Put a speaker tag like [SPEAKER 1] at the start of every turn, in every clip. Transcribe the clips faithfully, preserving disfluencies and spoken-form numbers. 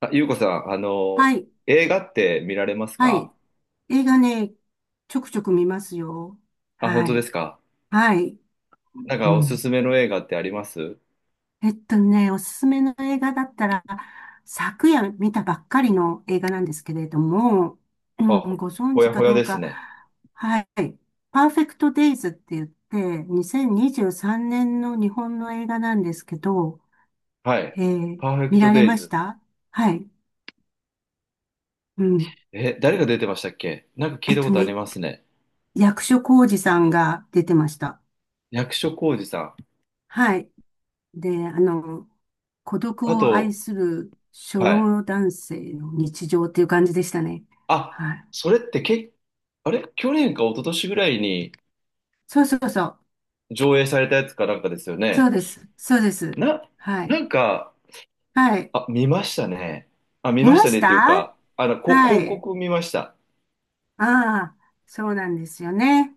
[SPEAKER 1] あ、ゆうこさん、あの、
[SPEAKER 2] はい。
[SPEAKER 1] 映画って見られます
[SPEAKER 2] は
[SPEAKER 1] か？
[SPEAKER 2] い。映画ね、ちょくちょく見ますよ。
[SPEAKER 1] あ、本
[SPEAKER 2] は
[SPEAKER 1] 当で
[SPEAKER 2] い。
[SPEAKER 1] すか？
[SPEAKER 2] はい。
[SPEAKER 1] なんか
[SPEAKER 2] う
[SPEAKER 1] おす
[SPEAKER 2] ん。
[SPEAKER 1] すめの映画ってあります？
[SPEAKER 2] えっとね、おすすめの映画だったら、昨夜見たばっかりの映画なんですけれども、う
[SPEAKER 1] あ、
[SPEAKER 2] ん、
[SPEAKER 1] ほ
[SPEAKER 2] ご存
[SPEAKER 1] ほ
[SPEAKER 2] 知
[SPEAKER 1] や
[SPEAKER 2] か
[SPEAKER 1] ほや
[SPEAKER 2] ど
[SPEAKER 1] で
[SPEAKER 2] う
[SPEAKER 1] す
[SPEAKER 2] か、
[SPEAKER 1] ね。
[SPEAKER 2] はい。パーフェクトデイズって言って、にせんにじゅうさんねんの日本の映画なんですけど、
[SPEAKER 1] は
[SPEAKER 2] え
[SPEAKER 1] い。
[SPEAKER 2] ー
[SPEAKER 1] パーフェク
[SPEAKER 2] 見
[SPEAKER 1] ト
[SPEAKER 2] られ
[SPEAKER 1] デイ
[SPEAKER 2] まし
[SPEAKER 1] ズ。
[SPEAKER 2] た？はい。うん。
[SPEAKER 1] え、誰が出てましたっけ？なんか聞
[SPEAKER 2] え
[SPEAKER 1] い
[SPEAKER 2] っ
[SPEAKER 1] たこ
[SPEAKER 2] と
[SPEAKER 1] とあり
[SPEAKER 2] ね、
[SPEAKER 1] ますね。
[SPEAKER 2] 役所広司さんが出てました。
[SPEAKER 1] 役所広司さん。
[SPEAKER 2] はい。で、あの、孤独
[SPEAKER 1] あ
[SPEAKER 2] を愛
[SPEAKER 1] と、
[SPEAKER 2] する初
[SPEAKER 1] はい。
[SPEAKER 2] 老男性の日常っていう感じでしたね。
[SPEAKER 1] あ、
[SPEAKER 2] はい。
[SPEAKER 1] それってけ、あれ去年か一昨年ぐらいに
[SPEAKER 2] そうそうそう。
[SPEAKER 1] 上映されたやつかなんかですよ
[SPEAKER 2] そう
[SPEAKER 1] ね。
[SPEAKER 2] です。そうです。
[SPEAKER 1] な、
[SPEAKER 2] は
[SPEAKER 1] な
[SPEAKER 2] い。
[SPEAKER 1] んか、
[SPEAKER 2] はい。
[SPEAKER 1] あ、見ましたね。あ、見
[SPEAKER 2] 見
[SPEAKER 1] まし
[SPEAKER 2] ま
[SPEAKER 1] た
[SPEAKER 2] し
[SPEAKER 1] ねっていう
[SPEAKER 2] た？
[SPEAKER 1] か、あの、こ、
[SPEAKER 2] は
[SPEAKER 1] 広
[SPEAKER 2] い。
[SPEAKER 1] 告見ました。
[SPEAKER 2] ああ、そうなんですよね。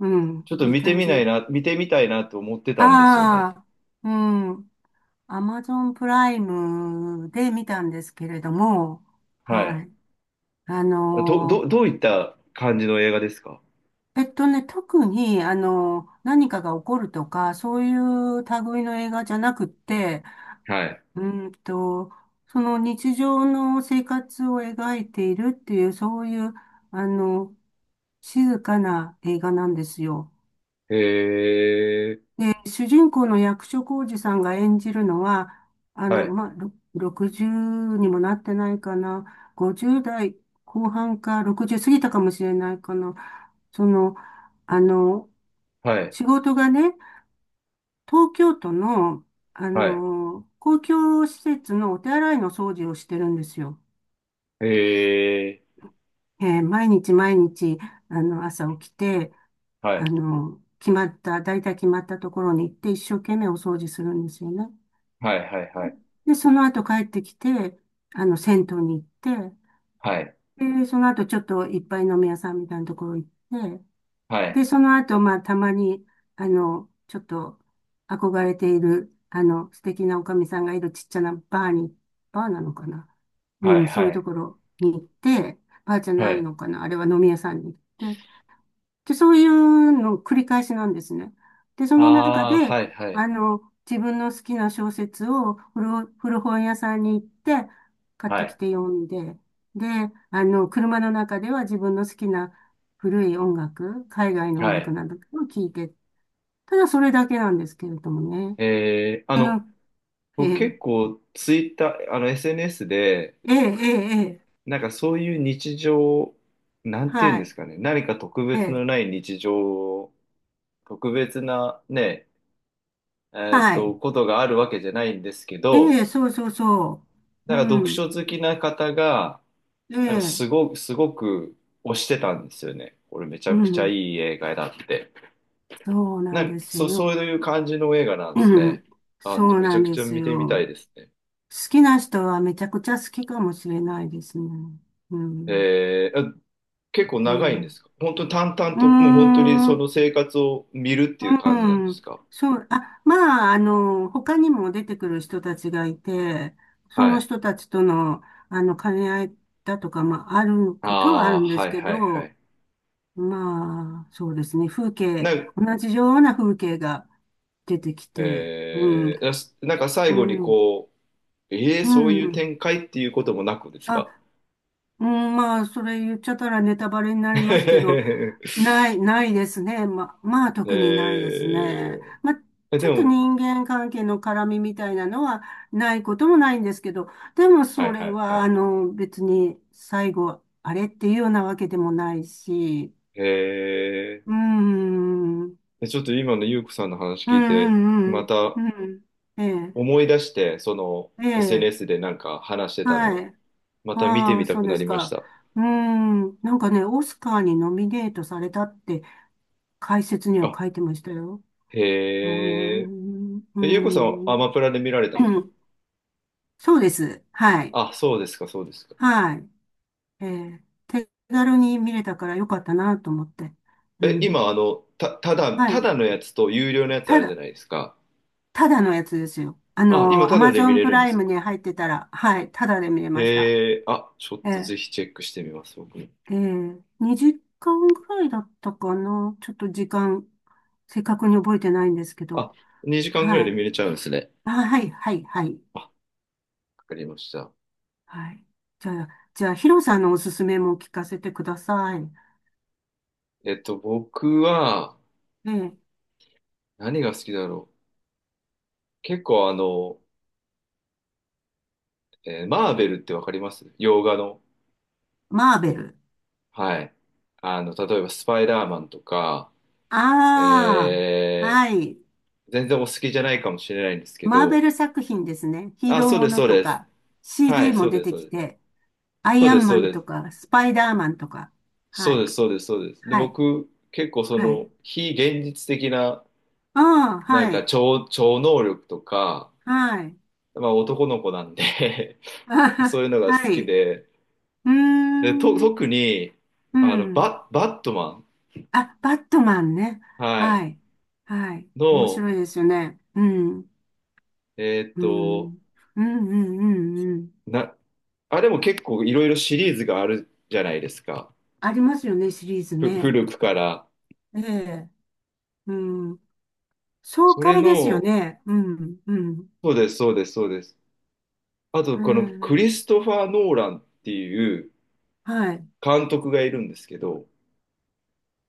[SPEAKER 2] うん。
[SPEAKER 1] ちょっと
[SPEAKER 2] いい
[SPEAKER 1] 見て
[SPEAKER 2] 感
[SPEAKER 1] みない
[SPEAKER 2] じ。
[SPEAKER 1] な、見てみたいなと思ってたんですよね。
[SPEAKER 2] ああ、うん。アマゾンプライムで見たんですけれども、
[SPEAKER 1] は
[SPEAKER 2] は
[SPEAKER 1] い。
[SPEAKER 2] い。あ
[SPEAKER 1] ど、
[SPEAKER 2] の
[SPEAKER 1] ど、
[SPEAKER 2] ー
[SPEAKER 1] どういった感じの映画ですか？
[SPEAKER 2] えっとね、特に、あの、何かが起こるとか、そういう類の映画じゃなくって、
[SPEAKER 1] はい。
[SPEAKER 2] うーんと、その日常の生活を描いているっていう、そういう、あの、静かな映画なんですよ。
[SPEAKER 1] へえ、
[SPEAKER 2] で、主人公の役所広司さんが演じるのは、あ
[SPEAKER 1] は
[SPEAKER 2] の、
[SPEAKER 1] い、
[SPEAKER 2] まあ、ろろくじゅうにもなってないかな、ごじゅう代後半かろくじゅう過ぎたかもしれないかな、その、あの、
[SPEAKER 1] はい、
[SPEAKER 2] 仕事がね、東京都の、あ
[SPEAKER 1] はい。
[SPEAKER 2] の、公共施設のお手洗いの掃除をしてるんですよ。
[SPEAKER 1] へえ、
[SPEAKER 2] えー毎日毎日、あの、朝起きて、
[SPEAKER 1] はい、
[SPEAKER 2] あの、決まった、大体決まったところに行って一生懸命お掃除するんですよね。
[SPEAKER 1] はい、はい、はい、
[SPEAKER 2] で、でその後帰ってきて、あの、銭湯に行って、
[SPEAKER 1] はい、
[SPEAKER 2] で、その後ちょっといっぱい飲み屋さんみたいなところ行って、
[SPEAKER 1] はい、
[SPEAKER 2] で、その後、まあ、たまに、あの、ちょっと憧れている、あの、素敵なおかみさんがいるちっちゃなバーに、バーなのかな？う
[SPEAKER 1] はい、
[SPEAKER 2] ん、そうい
[SPEAKER 1] は
[SPEAKER 2] うと
[SPEAKER 1] い、
[SPEAKER 2] ころに行って、バーじゃ
[SPEAKER 1] は
[SPEAKER 2] ない
[SPEAKER 1] い。
[SPEAKER 2] のかな？あれは飲み屋さんに行って、で、そういうの繰り返しなんですね。で、そ
[SPEAKER 1] あ
[SPEAKER 2] の中
[SPEAKER 1] あ、
[SPEAKER 2] で、
[SPEAKER 1] はい、はい、
[SPEAKER 2] あの、自分の好きな小説を古、古本屋さんに行って買っ
[SPEAKER 1] は
[SPEAKER 2] てき
[SPEAKER 1] い、
[SPEAKER 2] て読んで、で、あの、車の中では自分の好きな古い音楽、海外の音
[SPEAKER 1] は
[SPEAKER 2] 楽
[SPEAKER 1] い。
[SPEAKER 2] などを聴いて、ただそれだけなんですけれどもね。
[SPEAKER 1] えー、あ
[SPEAKER 2] あ
[SPEAKER 1] の、
[SPEAKER 2] の、え
[SPEAKER 1] 僕
[SPEAKER 2] え、
[SPEAKER 1] 結構ツイッター、あの エスエヌエス で、
[SPEAKER 2] ええ、ええ、ええ、
[SPEAKER 1] なんかそういう日常、なんていうん
[SPEAKER 2] は
[SPEAKER 1] で
[SPEAKER 2] い、
[SPEAKER 1] すかね、何か特
[SPEAKER 2] え
[SPEAKER 1] 別
[SPEAKER 2] え、
[SPEAKER 1] のない日常を特別なね、えーっ
[SPEAKER 2] は
[SPEAKER 1] と、
[SPEAKER 2] い、
[SPEAKER 1] ことがあるわけじゃないんですけ
[SPEAKER 2] え
[SPEAKER 1] ど、
[SPEAKER 2] え、そうそうそ
[SPEAKER 1] な
[SPEAKER 2] う、う
[SPEAKER 1] んか読
[SPEAKER 2] ん、
[SPEAKER 1] 書好きな方が、
[SPEAKER 2] え
[SPEAKER 1] なんか
[SPEAKER 2] え、
[SPEAKER 1] すごく、すごく推してたんですよね。これめち
[SPEAKER 2] う
[SPEAKER 1] ゃくちゃい
[SPEAKER 2] ん。
[SPEAKER 1] い映画だって。
[SPEAKER 2] そうな
[SPEAKER 1] な
[SPEAKER 2] ん
[SPEAKER 1] ん
[SPEAKER 2] で
[SPEAKER 1] か、
[SPEAKER 2] す
[SPEAKER 1] そう、そ
[SPEAKER 2] よ。
[SPEAKER 1] ういう感じの映画なんです
[SPEAKER 2] う
[SPEAKER 1] ね。
[SPEAKER 2] ん。
[SPEAKER 1] あ、で
[SPEAKER 2] そう
[SPEAKER 1] めち
[SPEAKER 2] な
[SPEAKER 1] ゃ
[SPEAKER 2] ん
[SPEAKER 1] く
[SPEAKER 2] で
[SPEAKER 1] ちゃ
[SPEAKER 2] す
[SPEAKER 1] 見てみたい
[SPEAKER 2] よ。
[SPEAKER 1] ですね。
[SPEAKER 2] 好きな人はめちゃくちゃ好きかもしれないですね。うん。
[SPEAKER 1] えー、あ結構
[SPEAKER 2] う
[SPEAKER 1] 長いん
[SPEAKER 2] ん。
[SPEAKER 1] で
[SPEAKER 2] う
[SPEAKER 1] すか？本当に淡々
[SPEAKER 2] ー
[SPEAKER 1] と、もう本当にそ
[SPEAKER 2] ん。
[SPEAKER 1] の生活を見るっていう感じなん
[SPEAKER 2] う
[SPEAKER 1] です
[SPEAKER 2] ん。
[SPEAKER 1] か？
[SPEAKER 2] そう。あ、まあ、あの、他にも出てくる人たちがいて、そ
[SPEAKER 1] は
[SPEAKER 2] の
[SPEAKER 1] い。
[SPEAKER 2] 人たちとの、あの、兼ね合いだとか、まあ、ある
[SPEAKER 1] あ
[SPEAKER 2] ことはある
[SPEAKER 1] あ、
[SPEAKER 2] んで
[SPEAKER 1] は
[SPEAKER 2] す
[SPEAKER 1] い
[SPEAKER 2] け
[SPEAKER 1] はいは
[SPEAKER 2] ど、
[SPEAKER 1] い。
[SPEAKER 2] まあ、そうですね。風景、
[SPEAKER 1] なん、
[SPEAKER 2] 同じような風景が出てきて、うん。
[SPEAKER 1] えー、ななんか最
[SPEAKER 2] う
[SPEAKER 1] 後に
[SPEAKER 2] ん。
[SPEAKER 1] こう、ええ
[SPEAKER 2] う
[SPEAKER 1] そういう
[SPEAKER 2] ん。
[SPEAKER 1] 展開っていうこともなくです
[SPEAKER 2] あ、
[SPEAKER 1] か？
[SPEAKER 2] うん、まあ、それ言っちゃったらネタバレにな りますけど、
[SPEAKER 1] え
[SPEAKER 2] ない、ないですね。ま、まあ、特にないですね。
[SPEAKER 1] え、
[SPEAKER 2] まあ、
[SPEAKER 1] え
[SPEAKER 2] ち
[SPEAKER 1] で
[SPEAKER 2] ょっと
[SPEAKER 1] も、
[SPEAKER 2] 人間関係の絡みみたいなのはないこともないんですけど、でも
[SPEAKER 1] は
[SPEAKER 2] そ
[SPEAKER 1] いは
[SPEAKER 2] れ
[SPEAKER 1] いは
[SPEAKER 2] は、あ
[SPEAKER 1] い。
[SPEAKER 2] の、別に最後、あれっていうようなわけでもないし、
[SPEAKER 1] え
[SPEAKER 2] う
[SPEAKER 1] え
[SPEAKER 2] ん、うん、
[SPEAKER 1] ちょっと今のゆうこさんの話
[SPEAKER 2] う
[SPEAKER 1] 聞いて、
[SPEAKER 2] ん、
[SPEAKER 1] ま
[SPEAKER 2] うん、
[SPEAKER 1] た
[SPEAKER 2] うん、ええ、
[SPEAKER 1] 思い出して、その
[SPEAKER 2] ええ、
[SPEAKER 1] エスエヌエス でなんか話してたの
[SPEAKER 2] は
[SPEAKER 1] を、
[SPEAKER 2] い。
[SPEAKER 1] また見て
[SPEAKER 2] あ
[SPEAKER 1] み
[SPEAKER 2] あ、
[SPEAKER 1] た
[SPEAKER 2] そう
[SPEAKER 1] く
[SPEAKER 2] で
[SPEAKER 1] な
[SPEAKER 2] す
[SPEAKER 1] りまし
[SPEAKER 2] か。
[SPEAKER 1] た。
[SPEAKER 2] うーん。なんかね、オスカーにノミネートされたって解説には
[SPEAKER 1] あ、
[SPEAKER 2] 書いてましたよ。うー
[SPEAKER 1] へえ、
[SPEAKER 2] ん。うー
[SPEAKER 1] えゆうこさんはア
[SPEAKER 2] ん。
[SPEAKER 1] マプラで見られ たんです
[SPEAKER 2] う
[SPEAKER 1] か？
[SPEAKER 2] ん、そうです。はい。
[SPEAKER 1] あ、そうですか、そうですか。
[SPEAKER 2] はい。えー手軽に見れたからよかったなと思って。う
[SPEAKER 1] え、
[SPEAKER 2] ん。
[SPEAKER 1] 今、あの、た、ただ、
[SPEAKER 2] は
[SPEAKER 1] た
[SPEAKER 2] い。
[SPEAKER 1] だのやつと有料のやつあ
[SPEAKER 2] た
[SPEAKER 1] るじゃ
[SPEAKER 2] だ、
[SPEAKER 1] ないですか。
[SPEAKER 2] ただのやつですよ。あ
[SPEAKER 1] あ、今、
[SPEAKER 2] の、ア
[SPEAKER 1] ただ
[SPEAKER 2] マ
[SPEAKER 1] で
[SPEAKER 2] ゾ
[SPEAKER 1] 見
[SPEAKER 2] ン
[SPEAKER 1] れ
[SPEAKER 2] プ
[SPEAKER 1] るんで
[SPEAKER 2] ライ
[SPEAKER 1] す
[SPEAKER 2] ム
[SPEAKER 1] か？
[SPEAKER 2] に入ってたら、はい。ただで見れました。
[SPEAKER 1] へえー、あ、ちょっ
[SPEAKER 2] え
[SPEAKER 1] とぜ
[SPEAKER 2] ー
[SPEAKER 1] ひチェックしてみます、僕も。
[SPEAKER 2] ええ、にじかんぐらいだったかな。ちょっと時間、正確に覚えてないんですけ
[SPEAKER 1] あ、
[SPEAKER 2] ど。
[SPEAKER 1] にじかんぐらい
[SPEAKER 2] は
[SPEAKER 1] で
[SPEAKER 2] い。
[SPEAKER 1] 見れちゃうんですね。
[SPEAKER 2] あ、はい、はい、はい。
[SPEAKER 1] あ、わかりました。
[SPEAKER 2] はい。じゃあ、じゃあ、ヒロさんのおすすめも聞かせてください。
[SPEAKER 1] えっと、僕は、
[SPEAKER 2] ええ、
[SPEAKER 1] 何が好きだろう。結構あの、えーマーベルってわかります？洋画の。
[SPEAKER 2] マーベル。
[SPEAKER 1] はい。あの、例えばスパイダーマンとか、
[SPEAKER 2] ああ、
[SPEAKER 1] え
[SPEAKER 2] はい。
[SPEAKER 1] ー、全然お好きじゃないかもしれないんですけ
[SPEAKER 2] マーベ
[SPEAKER 1] ど、
[SPEAKER 2] ル作品ですね。ヒー
[SPEAKER 1] あ、
[SPEAKER 2] ロー
[SPEAKER 1] そうで
[SPEAKER 2] も
[SPEAKER 1] す、
[SPEAKER 2] の
[SPEAKER 1] そう
[SPEAKER 2] と
[SPEAKER 1] です。
[SPEAKER 2] か、
[SPEAKER 1] はい、
[SPEAKER 2] シーディー
[SPEAKER 1] そ
[SPEAKER 2] も
[SPEAKER 1] う
[SPEAKER 2] 出
[SPEAKER 1] です、
[SPEAKER 2] て
[SPEAKER 1] そう
[SPEAKER 2] き
[SPEAKER 1] です。
[SPEAKER 2] て、ア
[SPEAKER 1] そ
[SPEAKER 2] イ
[SPEAKER 1] う
[SPEAKER 2] ア
[SPEAKER 1] です、
[SPEAKER 2] ンマ
[SPEAKER 1] そう
[SPEAKER 2] ン
[SPEAKER 1] で
[SPEAKER 2] と
[SPEAKER 1] す。
[SPEAKER 2] か、スパイダーマンとか。は
[SPEAKER 1] そう
[SPEAKER 2] い。
[SPEAKER 1] です、そうです、そうです。で、
[SPEAKER 2] はい。
[SPEAKER 1] 僕、結構そ
[SPEAKER 2] はい。
[SPEAKER 1] の、非現実的な
[SPEAKER 2] ああ、
[SPEAKER 1] なん
[SPEAKER 2] は
[SPEAKER 1] か
[SPEAKER 2] い。
[SPEAKER 1] 超、超能力とか、
[SPEAKER 2] はい。
[SPEAKER 1] まあ男の子なんで
[SPEAKER 2] あは
[SPEAKER 1] そう
[SPEAKER 2] は、
[SPEAKER 1] いうのが好
[SPEAKER 2] は
[SPEAKER 1] き
[SPEAKER 2] い。
[SPEAKER 1] で、
[SPEAKER 2] うー
[SPEAKER 1] で、と、
[SPEAKER 2] ん。
[SPEAKER 1] 特に、
[SPEAKER 2] う
[SPEAKER 1] あの、
[SPEAKER 2] ん。
[SPEAKER 1] バ、バットマン、
[SPEAKER 2] あ、バットマンね。
[SPEAKER 1] は
[SPEAKER 2] は
[SPEAKER 1] い、
[SPEAKER 2] い。はい。面
[SPEAKER 1] の、
[SPEAKER 2] 白いですよね。うん。
[SPEAKER 1] えーっ
[SPEAKER 2] うん。う
[SPEAKER 1] と、
[SPEAKER 2] んうんうんうん。
[SPEAKER 1] な、あれも結構いろいろシリーズがあるじゃないですか。
[SPEAKER 2] ありますよね、シリーズ
[SPEAKER 1] ふ、
[SPEAKER 2] ね。
[SPEAKER 1] 古くから。
[SPEAKER 2] ええ。うん。爽
[SPEAKER 1] それ
[SPEAKER 2] 快ですよ
[SPEAKER 1] の、
[SPEAKER 2] ね。うん。うん。
[SPEAKER 1] そうです、そうです、そうです。あと、
[SPEAKER 2] う
[SPEAKER 1] このク
[SPEAKER 2] ん、
[SPEAKER 1] リストファー・ノーランっていう
[SPEAKER 2] はい。
[SPEAKER 1] 監督がいるんですけど、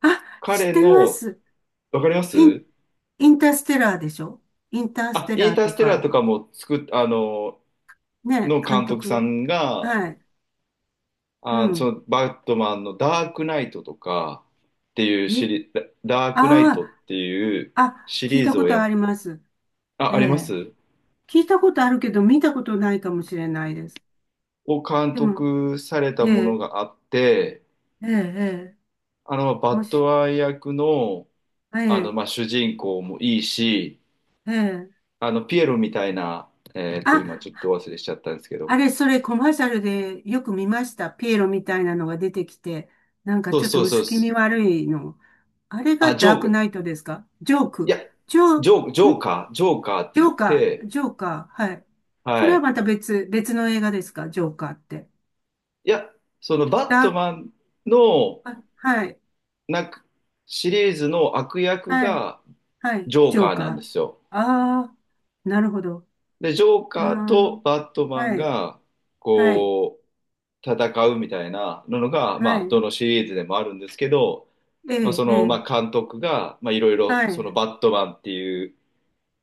[SPEAKER 2] あ、知っ
[SPEAKER 1] 彼
[SPEAKER 2] てま
[SPEAKER 1] の、
[SPEAKER 2] す。
[SPEAKER 1] わかりま
[SPEAKER 2] イン、
[SPEAKER 1] す？
[SPEAKER 2] インターステラーでしょ？インタース
[SPEAKER 1] あ、
[SPEAKER 2] テ
[SPEAKER 1] イン
[SPEAKER 2] ラー
[SPEAKER 1] ター
[SPEAKER 2] と
[SPEAKER 1] ステラーと
[SPEAKER 2] か。
[SPEAKER 1] かも作っ、あの、
[SPEAKER 2] ね、
[SPEAKER 1] の
[SPEAKER 2] 監
[SPEAKER 1] 監督さ
[SPEAKER 2] 督。
[SPEAKER 1] んが、
[SPEAKER 2] はい。う
[SPEAKER 1] あ、そ
[SPEAKER 2] ん。
[SPEAKER 1] のバットマンのダークナイトとかっていうシ
[SPEAKER 2] え、
[SPEAKER 1] リ、ダダークナイ
[SPEAKER 2] あ
[SPEAKER 1] トっていう
[SPEAKER 2] あ、あ、
[SPEAKER 1] シ
[SPEAKER 2] 聞い
[SPEAKER 1] リー
[SPEAKER 2] た
[SPEAKER 1] ズ
[SPEAKER 2] こ
[SPEAKER 1] をや
[SPEAKER 2] とあ
[SPEAKER 1] っ、
[SPEAKER 2] ります。
[SPEAKER 1] あ、
[SPEAKER 2] え
[SPEAKER 1] ありま
[SPEAKER 2] え、
[SPEAKER 1] す？
[SPEAKER 2] 聞いたことあるけど、見たことないかもしれないです。
[SPEAKER 1] を監
[SPEAKER 2] でも、
[SPEAKER 1] 督された
[SPEAKER 2] え
[SPEAKER 1] もの
[SPEAKER 2] え、
[SPEAKER 1] があって、
[SPEAKER 2] ええ、ええ、
[SPEAKER 1] あの、バ
[SPEAKER 2] も
[SPEAKER 1] ット
[SPEAKER 2] し、
[SPEAKER 1] マン役の、
[SPEAKER 2] え
[SPEAKER 1] あの、まあ、
[SPEAKER 2] え、
[SPEAKER 1] 主人公もいいし、
[SPEAKER 2] ええ。
[SPEAKER 1] あの、ピエロみたいな、えっ
[SPEAKER 2] あ、
[SPEAKER 1] と、今ちょっと忘れしちゃったんですけ
[SPEAKER 2] あ
[SPEAKER 1] ど、
[SPEAKER 2] れ、それコマーシャルでよく見ました。ピエロみたいなのが出てきて、なんか
[SPEAKER 1] そう
[SPEAKER 2] ちょっ
[SPEAKER 1] そ
[SPEAKER 2] と
[SPEAKER 1] うそうで
[SPEAKER 2] 薄気味
[SPEAKER 1] す。
[SPEAKER 2] 悪いの。あれが
[SPEAKER 1] あ、ジョ
[SPEAKER 2] ダー
[SPEAKER 1] ー
[SPEAKER 2] ク
[SPEAKER 1] ク、
[SPEAKER 2] ナイトですか？ジョー
[SPEAKER 1] い
[SPEAKER 2] ク。
[SPEAKER 1] や、
[SPEAKER 2] ジョ
[SPEAKER 1] ジョー、ジ
[SPEAKER 2] ー、
[SPEAKER 1] ョー
[SPEAKER 2] ん
[SPEAKER 1] カー、ジョーカーっ
[SPEAKER 2] ジ
[SPEAKER 1] て言
[SPEAKER 2] ョ
[SPEAKER 1] っ
[SPEAKER 2] ーカー、
[SPEAKER 1] て、
[SPEAKER 2] ジョーカー、はい。そ
[SPEAKER 1] は
[SPEAKER 2] れは
[SPEAKER 1] い。
[SPEAKER 2] また別、別の映画ですか？ジョーカーって。
[SPEAKER 1] いや、そのバッ
[SPEAKER 2] ダー
[SPEAKER 1] ト
[SPEAKER 2] ク、
[SPEAKER 1] マンの
[SPEAKER 2] あ、はい、
[SPEAKER 1] なんかシリーズの悪役
[SPEAKER 2] はい、
[SPEAKER 1] が
[SPEAKER 2] はい、
[SPEAKER 1] ジョー
[SPEAKER 2] ジョ
[SPEAKER 1] カ
[SPEAKER 2] ー
[SPEAKER 1] ー
[SPEAKER 2] カ
[SPEAKER 1] なんですよ。
[SPEAKER 2] ー。ああ、なるほど。
[SPEAKER 1] で、ジョー
[SPEAKER 2] あ
[SPEAKER 1] カーとバット
[SPEAKER 2] あ、
[SPEAKER 1] マン
[SPEAKER 2] はい、
[SPEAKER 1] が
[SPEAKER 2] はい、
[SPEAKER 1] こう戦うみたいなのが、
[SPEAKER 2] は
[SPEAKER 1] まあ、
[SPEAKER 2] い、
[SPEAKER 1] どのシリーズでもあるんですけど、
[SPEAKER 2] え
[SPEAKER 1] まあ、
[SPEAKER 2] え、
[SPEAKER 1] そ
[SPEAKER 2] え
[SPEAKER 1] の、ま
[SPEAKER 2] え、
[SPEAKER 1] あ、監督が、まあ、いろいろ
[SPEAKER 2] は
[SPEAKER 1] そ
[SPEAKER 2] い、
[SPEAKER 1] のバットマンっていう、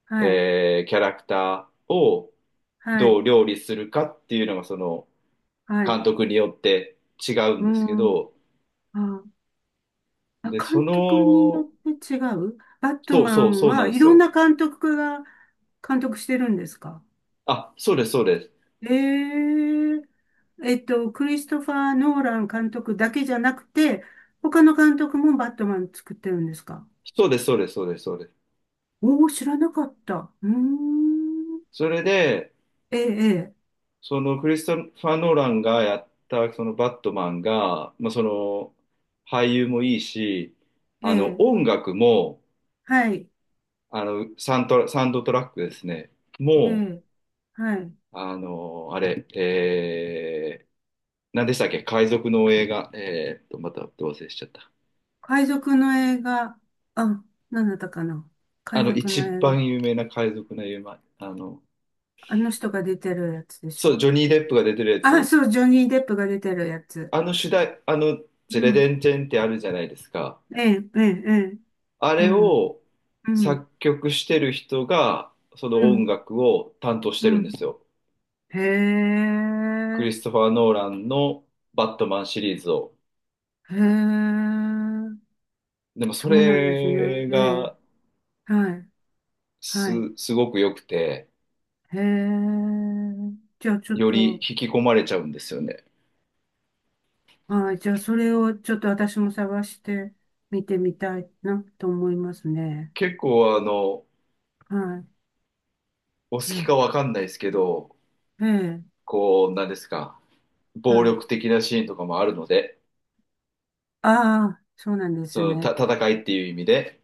[SPEAKER 2] はい、
[SPEAKER 1] えーキャラクターを
[SPEAKER 2] は
[SPEAKER 1] どう
[SPEAKER 2] い、
[SPEAKER 1] 料理するかっていうのがその
[SPEAKER 2] は
[SPEAKER 1] 監
[SPEAKER 2] い、
[SPEAKER 1] 督によって違うん
[SPEAKER 2] う
[SPEAKER 1] ですけ
[SPEAKER 2] ん、
[SPEAKER 1] ど、
[SPEAKER 2] あ、あ
[SPEAKER 1] で、そ
[SPEAKER 2] 監督によ
[SPEAKER 1] の、
[SPEAKER 2] って違うバット
[SPEAKER 1] そう
[SPEAKER 2] マ
[SPEAKER 1] そう、
[SPEAKER 2] ン
[SPEAKER 1] そうな
[SPEAKER 2] は
[SPEAKER 1] んで
[SPEAKER 2] い
[SPEAKER 1] す
[SPEAKER 2] ろん
[SPEAKER 1] よ。
[SPEAKER 2] な監督が監督してるんですか？
[SPEAKER 1] あ、そうです、そうです。
[SPEAKER 2] ええ、えっと、クリストファー・ノーラン監督だけじゃなくて、他の監督もバットマン作ってるんですか？
[SPEAKER 1] そうです、そうです、そうです、そうです。
[SPEAKER 2] おおー、知らなかった。うーん、
[SPEAKER 1] それで、
[SPEAKER 2] ええ、
[SPEAKER 1] そのクリストファー・ノーランがやったそのバットマンが、まあ、その俳優もいいし、
[SPEAKER 2] ええ、
[SPEAKER 1] あ
[SPEAKER 2] え
[SPEAKER 1] の
[SPEAKER 2] え、
[SPEAKER 1] 音楽も、
[SPEAKER 2] はい、
[SPEAKER 1] あのサントラ、サウンドトラックですね、
[SPEAKER 2] え
[SPEAKER 1] もう、
[SPEAKER 2] え、はい。
[SPEAKER 1] あの、あれ、えー、何でしたっけ、海賊の映画、えーっと、また忘れしちゃった。
[SPEAKER 2] 海賊の映画、あ、何だったかな。
[SPEAKER 1] あ
[SPEAKER 2] 海
[SPEAKER 1] の、
[SPEAKER 2] 賊の
[SPEAKER 1] 一
[SPEAKER 2] 映画。
[SPEAKER 1] 番有名な海賊の映画、あの、
[SPEAKER 2] あの人が出てるやつでし
[SPEAKER 1] そう、
[SPEAKER 2] ょ？
[SPEAKER 1] ジョニー・デップが出てるや
[SPEAKER 2] あ、
[SPEAKER 1] つ。
[SPEAKER 2] そう、ジョニー・デップが出てるやつ。
[SPEAKER 1] あの主題、あの、ジェ
[SPEAKER 2] う
[SPEAKER 1] レデ
[SPEAKER 2] ん。
[SPEAKER 1] ンチェンってあるじゃないですか。
[SPEAKER 2] ええ、ええ、ええ。
[SPEAKER 1] あ
[SPEAKER 2] う
[SPEAKER 1] れ
[SPEAKER 2] ん、
[SPEAKER 1] を
[SPEAKER 2] うん、
[SPEAKER 1] 作曲してる人が、その
[SPEAKER 2] う
[SPEAKER 1] 音
[SPEAKER 2] ん、
[SPEAKER 1] 楽を担当し
[SPEAKER 2] う
[SPEAKER 1] てるんで
[SPEAKER 2] ん。
[SPEAKER 1] すよ。
[SPEAKER 2] へ
[SPEAKER 1] クリ
[SPEAKER 2] え、
[SPEAKER 1] ストファー・ノーランのバットマンシリーズを。
[SPEAKER 2] へえ。
[SPEAKER 1] でもそ
[SPEAKER 2] そうなんですね。
[SPEAKER 1] れ
[SPEAKER 2] ええ、
[SPEAKER 1] が
[SPEAKER 2] はい、
[SPEAKER 1] す、
[SPEAKER 2] はい。
[SPEAKER 1] すごく良くて、
[SPEAKER 2] へえ。じゃあちょっ
[SPEAKER 1] より
[SPEAKER 2] と、
[SPEAKER 1] 引き込まれちゃうんですよね。
[SPEAKER 2] はい、じゃあそれをちょっと私も探して見てみたいなと思いますね。
[SPEAKER 1] 結構あの、
[SPEAKER 2] は
[SPEAKER 1] お好
[SPEAKER 2] い。
[SPEAKER 1] き
[SPEAKER 2] え
[SPEAKER 1] かわかんないですけど、
[SPEAKER 2] え、ええ、
[SPEAKER 1] こう、なんですか、
[SPEAKER 2] は
[SPEAKER 1] 暴
[SPEAKER 2] い。
[SPEAKER 1] 力的なシーンとかもあるので、
[SPEAKER 2] ああ、そうなんで
[SPEAKER 1] そ
[SPEAKER 2] す
[SPEAKER 1] の、た、
[SPEAKER 2] ね。
[SPEAKER 1] 戦いっていう意味で。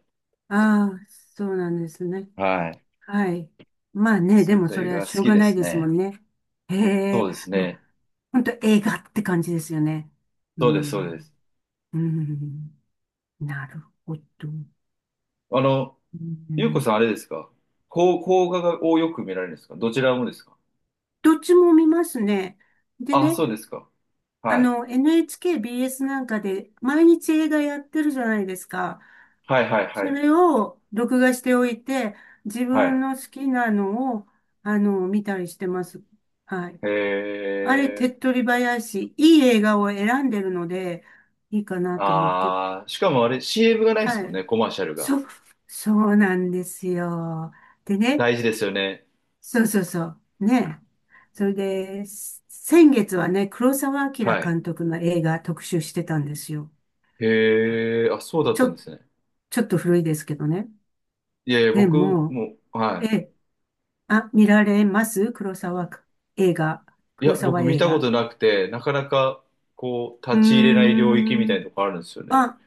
[SPEAKER 2] ああ、そうなんですね。
[SPEAKER 1] はい。
[SPEAKER 2] はい。まあね、
[SPEAKER 1] そ
[SPEAKER 2] で
[SPEAKER 1] ういっ
[SPEAKER 2] も
[SPEAKER 1] た
[SPEAKER 2] そ
[SPEAKER 1] 映
[SPEAKER 2] れは
[SPEAKER 1] 画好
[SPEAKER 2] しょう
[SPEAKER 1] き
[SPEAKER 2] が
[SPEAKER 1] で
[SPEAKER 2] ない
[SPEAKER 1] す
[SPEAKER 2] ですも
[SPEAKER 1] ね。
[SPEAKER 2] んね。え
[SPEAKER 1] そう
[SPEAKER 2] え、
[SPEAKER 1] です
[SPEAKER 2] まあ、
[SPEAKER 1] ね。
[SPEAKER 2] ほんと映画って感じですよね。う
[SPEAKER 1] そうです、そうです。
[SPEAKER 2] ん、うん、なるほど。
[SPEAKER 1] あの、
[SPEAKER 2] う
[SPEAKER 1] ゆうこ
[SPEAKER 2] ん、
[SPEAKER 1] さんあれですか？こう、邦画がをよく見られるんですか？どちらもですか？
[SPEAKER 2] どっちも見ますね。で
[SPEAKER 1] あ、
[SPEAKER 2] ね、
[SPEAKER 1] そうですか。
[SPEAKER 2] あ
[SPEAKER 1] はい。
[SPEAKER 2] の、エヌエイチケービーエス なんかで毎日映画やってるじゃないですか。
[SPEAKER 1] はいはいは
[SPEAKER 2] そ
[SPEAKER 1] い。
[SPEAKER 2] れを録画しておいて、自
[SPEAKER 1] は
[SPEAKER 2] 分
[SPEAKER 1] い。
[SPEAKER 2] の好きなのを、あの、見たりしてます。はい。
[SPEAKER 1] へ
[SPEAKER 2] あれ、手
[SPEAKER 1] え。
[SPEAKER 2] っ取り早いし、いい映画を選んでるので、いいかなと思って。
[SPEAKER 1] あー、しかもあれ シーエム がないで
[SPEAKER 2] は
[SPEAKER 1] すもんね、
[SPEAKER 2] い。
[SPEAKER 1] コマーシャル
[SPEAKER 2] そ、
[SPEAKER 1] が。
[SPEAKER 2] そうなんですよ。でね、
[SPEAKER 1] 大事ですよね。
[SPEAKER 2] そうそうそう。ね。それで、す先月はね、黒澤明
[SPEAKER 1] はい。
[SPEAKER 2] 監督の映画特集してたんですよ。
[SPEAKER 1] へえ、あ、そうだっ
[SPEAKER 2] ちょ
[SPEAKER 1] たんで
[SPEAKER 2] っ
[SPEAKER 1] すね。
[SPEAKER 2] ちょっと古いですけどね。
[SPEAKER 1] いやいや、
[SPEAKER 2] で
[SPEAKER 1] 僕
[SPEAKER 2] も、
[SPEAKER 1] も、は
[SPEAKER 2] え、あ、見られます？黒沢映画。
[SPEAKER 1] い。い
[SPEAKER 2] 黒
[SPEAKER 1] や、
[SPEAKER 2] 沢
[SPEAKER 1] 僕見
[SPEAKER 2] 映
[SPEAKER 1] たこ
[SPEAKER 2] 画。
[SPEAKER 1] となくて、なかなか、こう、
[SPEAKER 2] うー
[SPEAKER 1] 立ち入れない領域みた
[SPEAKER 2] ん。
[SPEAKER 1] いなとこあるんですよね。
[SPEAKER 2] あ、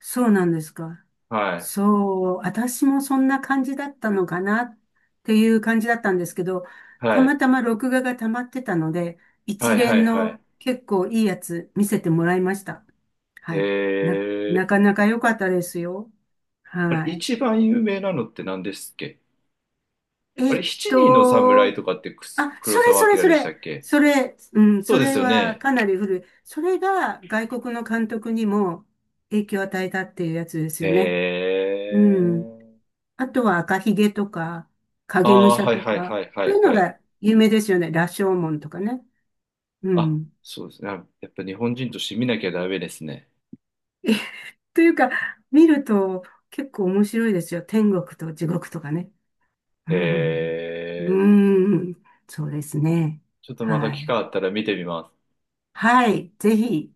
[SPEAKER 2] そうなんですか。
[SPEAKER 1] はい。
[SPEAKER 2] そう、私もそんな感じだったのかなっていう感じだったんですけど、た
[SPEAKER 1] は
[SPEAKER 2] ま
[SPEAKER 1] い。
[SPEAKER 2] たま録画が溜まってたので、
[SPEAKER 1] は
[SPEAKER 2] 一
[SPEAKER 1] いは
[SPEAKER 2] 連
[SPEAKER 1] いはい。
[SPEAKER 2] の結構いいやつ見せてもらいました。
[SPEAKER 1] え
[SPEAKER 2] はい。な、な
[SPEAKER 1] ー、
[SPEAKER 2] かなか良かったですよ。
[SPEAKER 1] あれ、
[SPEAKER 2] はい。
[SPEAKER 1] 一番有名なのって何ですっけ？あ
[SPEAKER 2] え
[SPEAKER 1] れ、
[SPEAKER 2] っ
[SPEAKER 1] 七人の侍
[SPEAKER 2] と、
[SPEAKER 1] とかってくす
[SPEAKER 2] あ、
[SPEAKER 1] 黒
[SPEAKER 2] それ
[SPEAKER 1] 澤
[SPEAKER 2] それ
[SPEAKER 1] 明
[SPEAKER 2] そ
[SPEAKER 1] でした
[SPEAKER 2] れ、
[SPEAKER 1] っけ？
[SPEAKER 2] それ、うん、
[SPEAKER 1] そう
[SPEAKER 2] そ
[SPEAKER 1] で
[SPEAKER 2] れ
[SPEAKER 1] すよ
[SPEAKER 2] は
[SPEAKER 1] ね。
[SPEAKER 2] かなり古い。それが外国の監督にも影響を与えたっていうやつです
[SPEAKER 1] え
[SPEAKER 2] よね。うん。
[SPEAKER 1] ー、
[SPEAKER 2] あとは赤ひげとか、影武
[SPEAKER 1] ああー、
[SPEAKER 2] 者
[SPEAKER 1] はい
[SPEAKER 2] と
[SPEAKER 1] はい
[SPEAKER 2] か、
[SPEAKER 1] はいは
[SPEAKER 2] そうい
[SPEAKER 1] い
[SPEAKER 2] うの
[SPEAKER 1] はい。
[SPEAKER 2] が有名ですよね。羅生門とかね。う
[SPEAKER 1] あ、
[SPEAKER 2] ん。
[SPEAKER 1] そうですね。あやっぱ日本人として見なきゃダメですね。
[SPEAKER 2] えというか、見ると結構面白いですよ。天国と地獄とかね。う
[SPEAKER 1] え
[SPEAKER 2] ん。
[SPEAKER 1] ー、
[SPEAKER 2] うん。そうですね。
[SPEAKER 1] ちょっとまた
[SPEAKER 2] は
[SPEAKER 1] 機会
[SPEAKER 2] い。
[SPEAKER 1] あったら見てみます。
[SPEAKER 2] はい。ぜひ。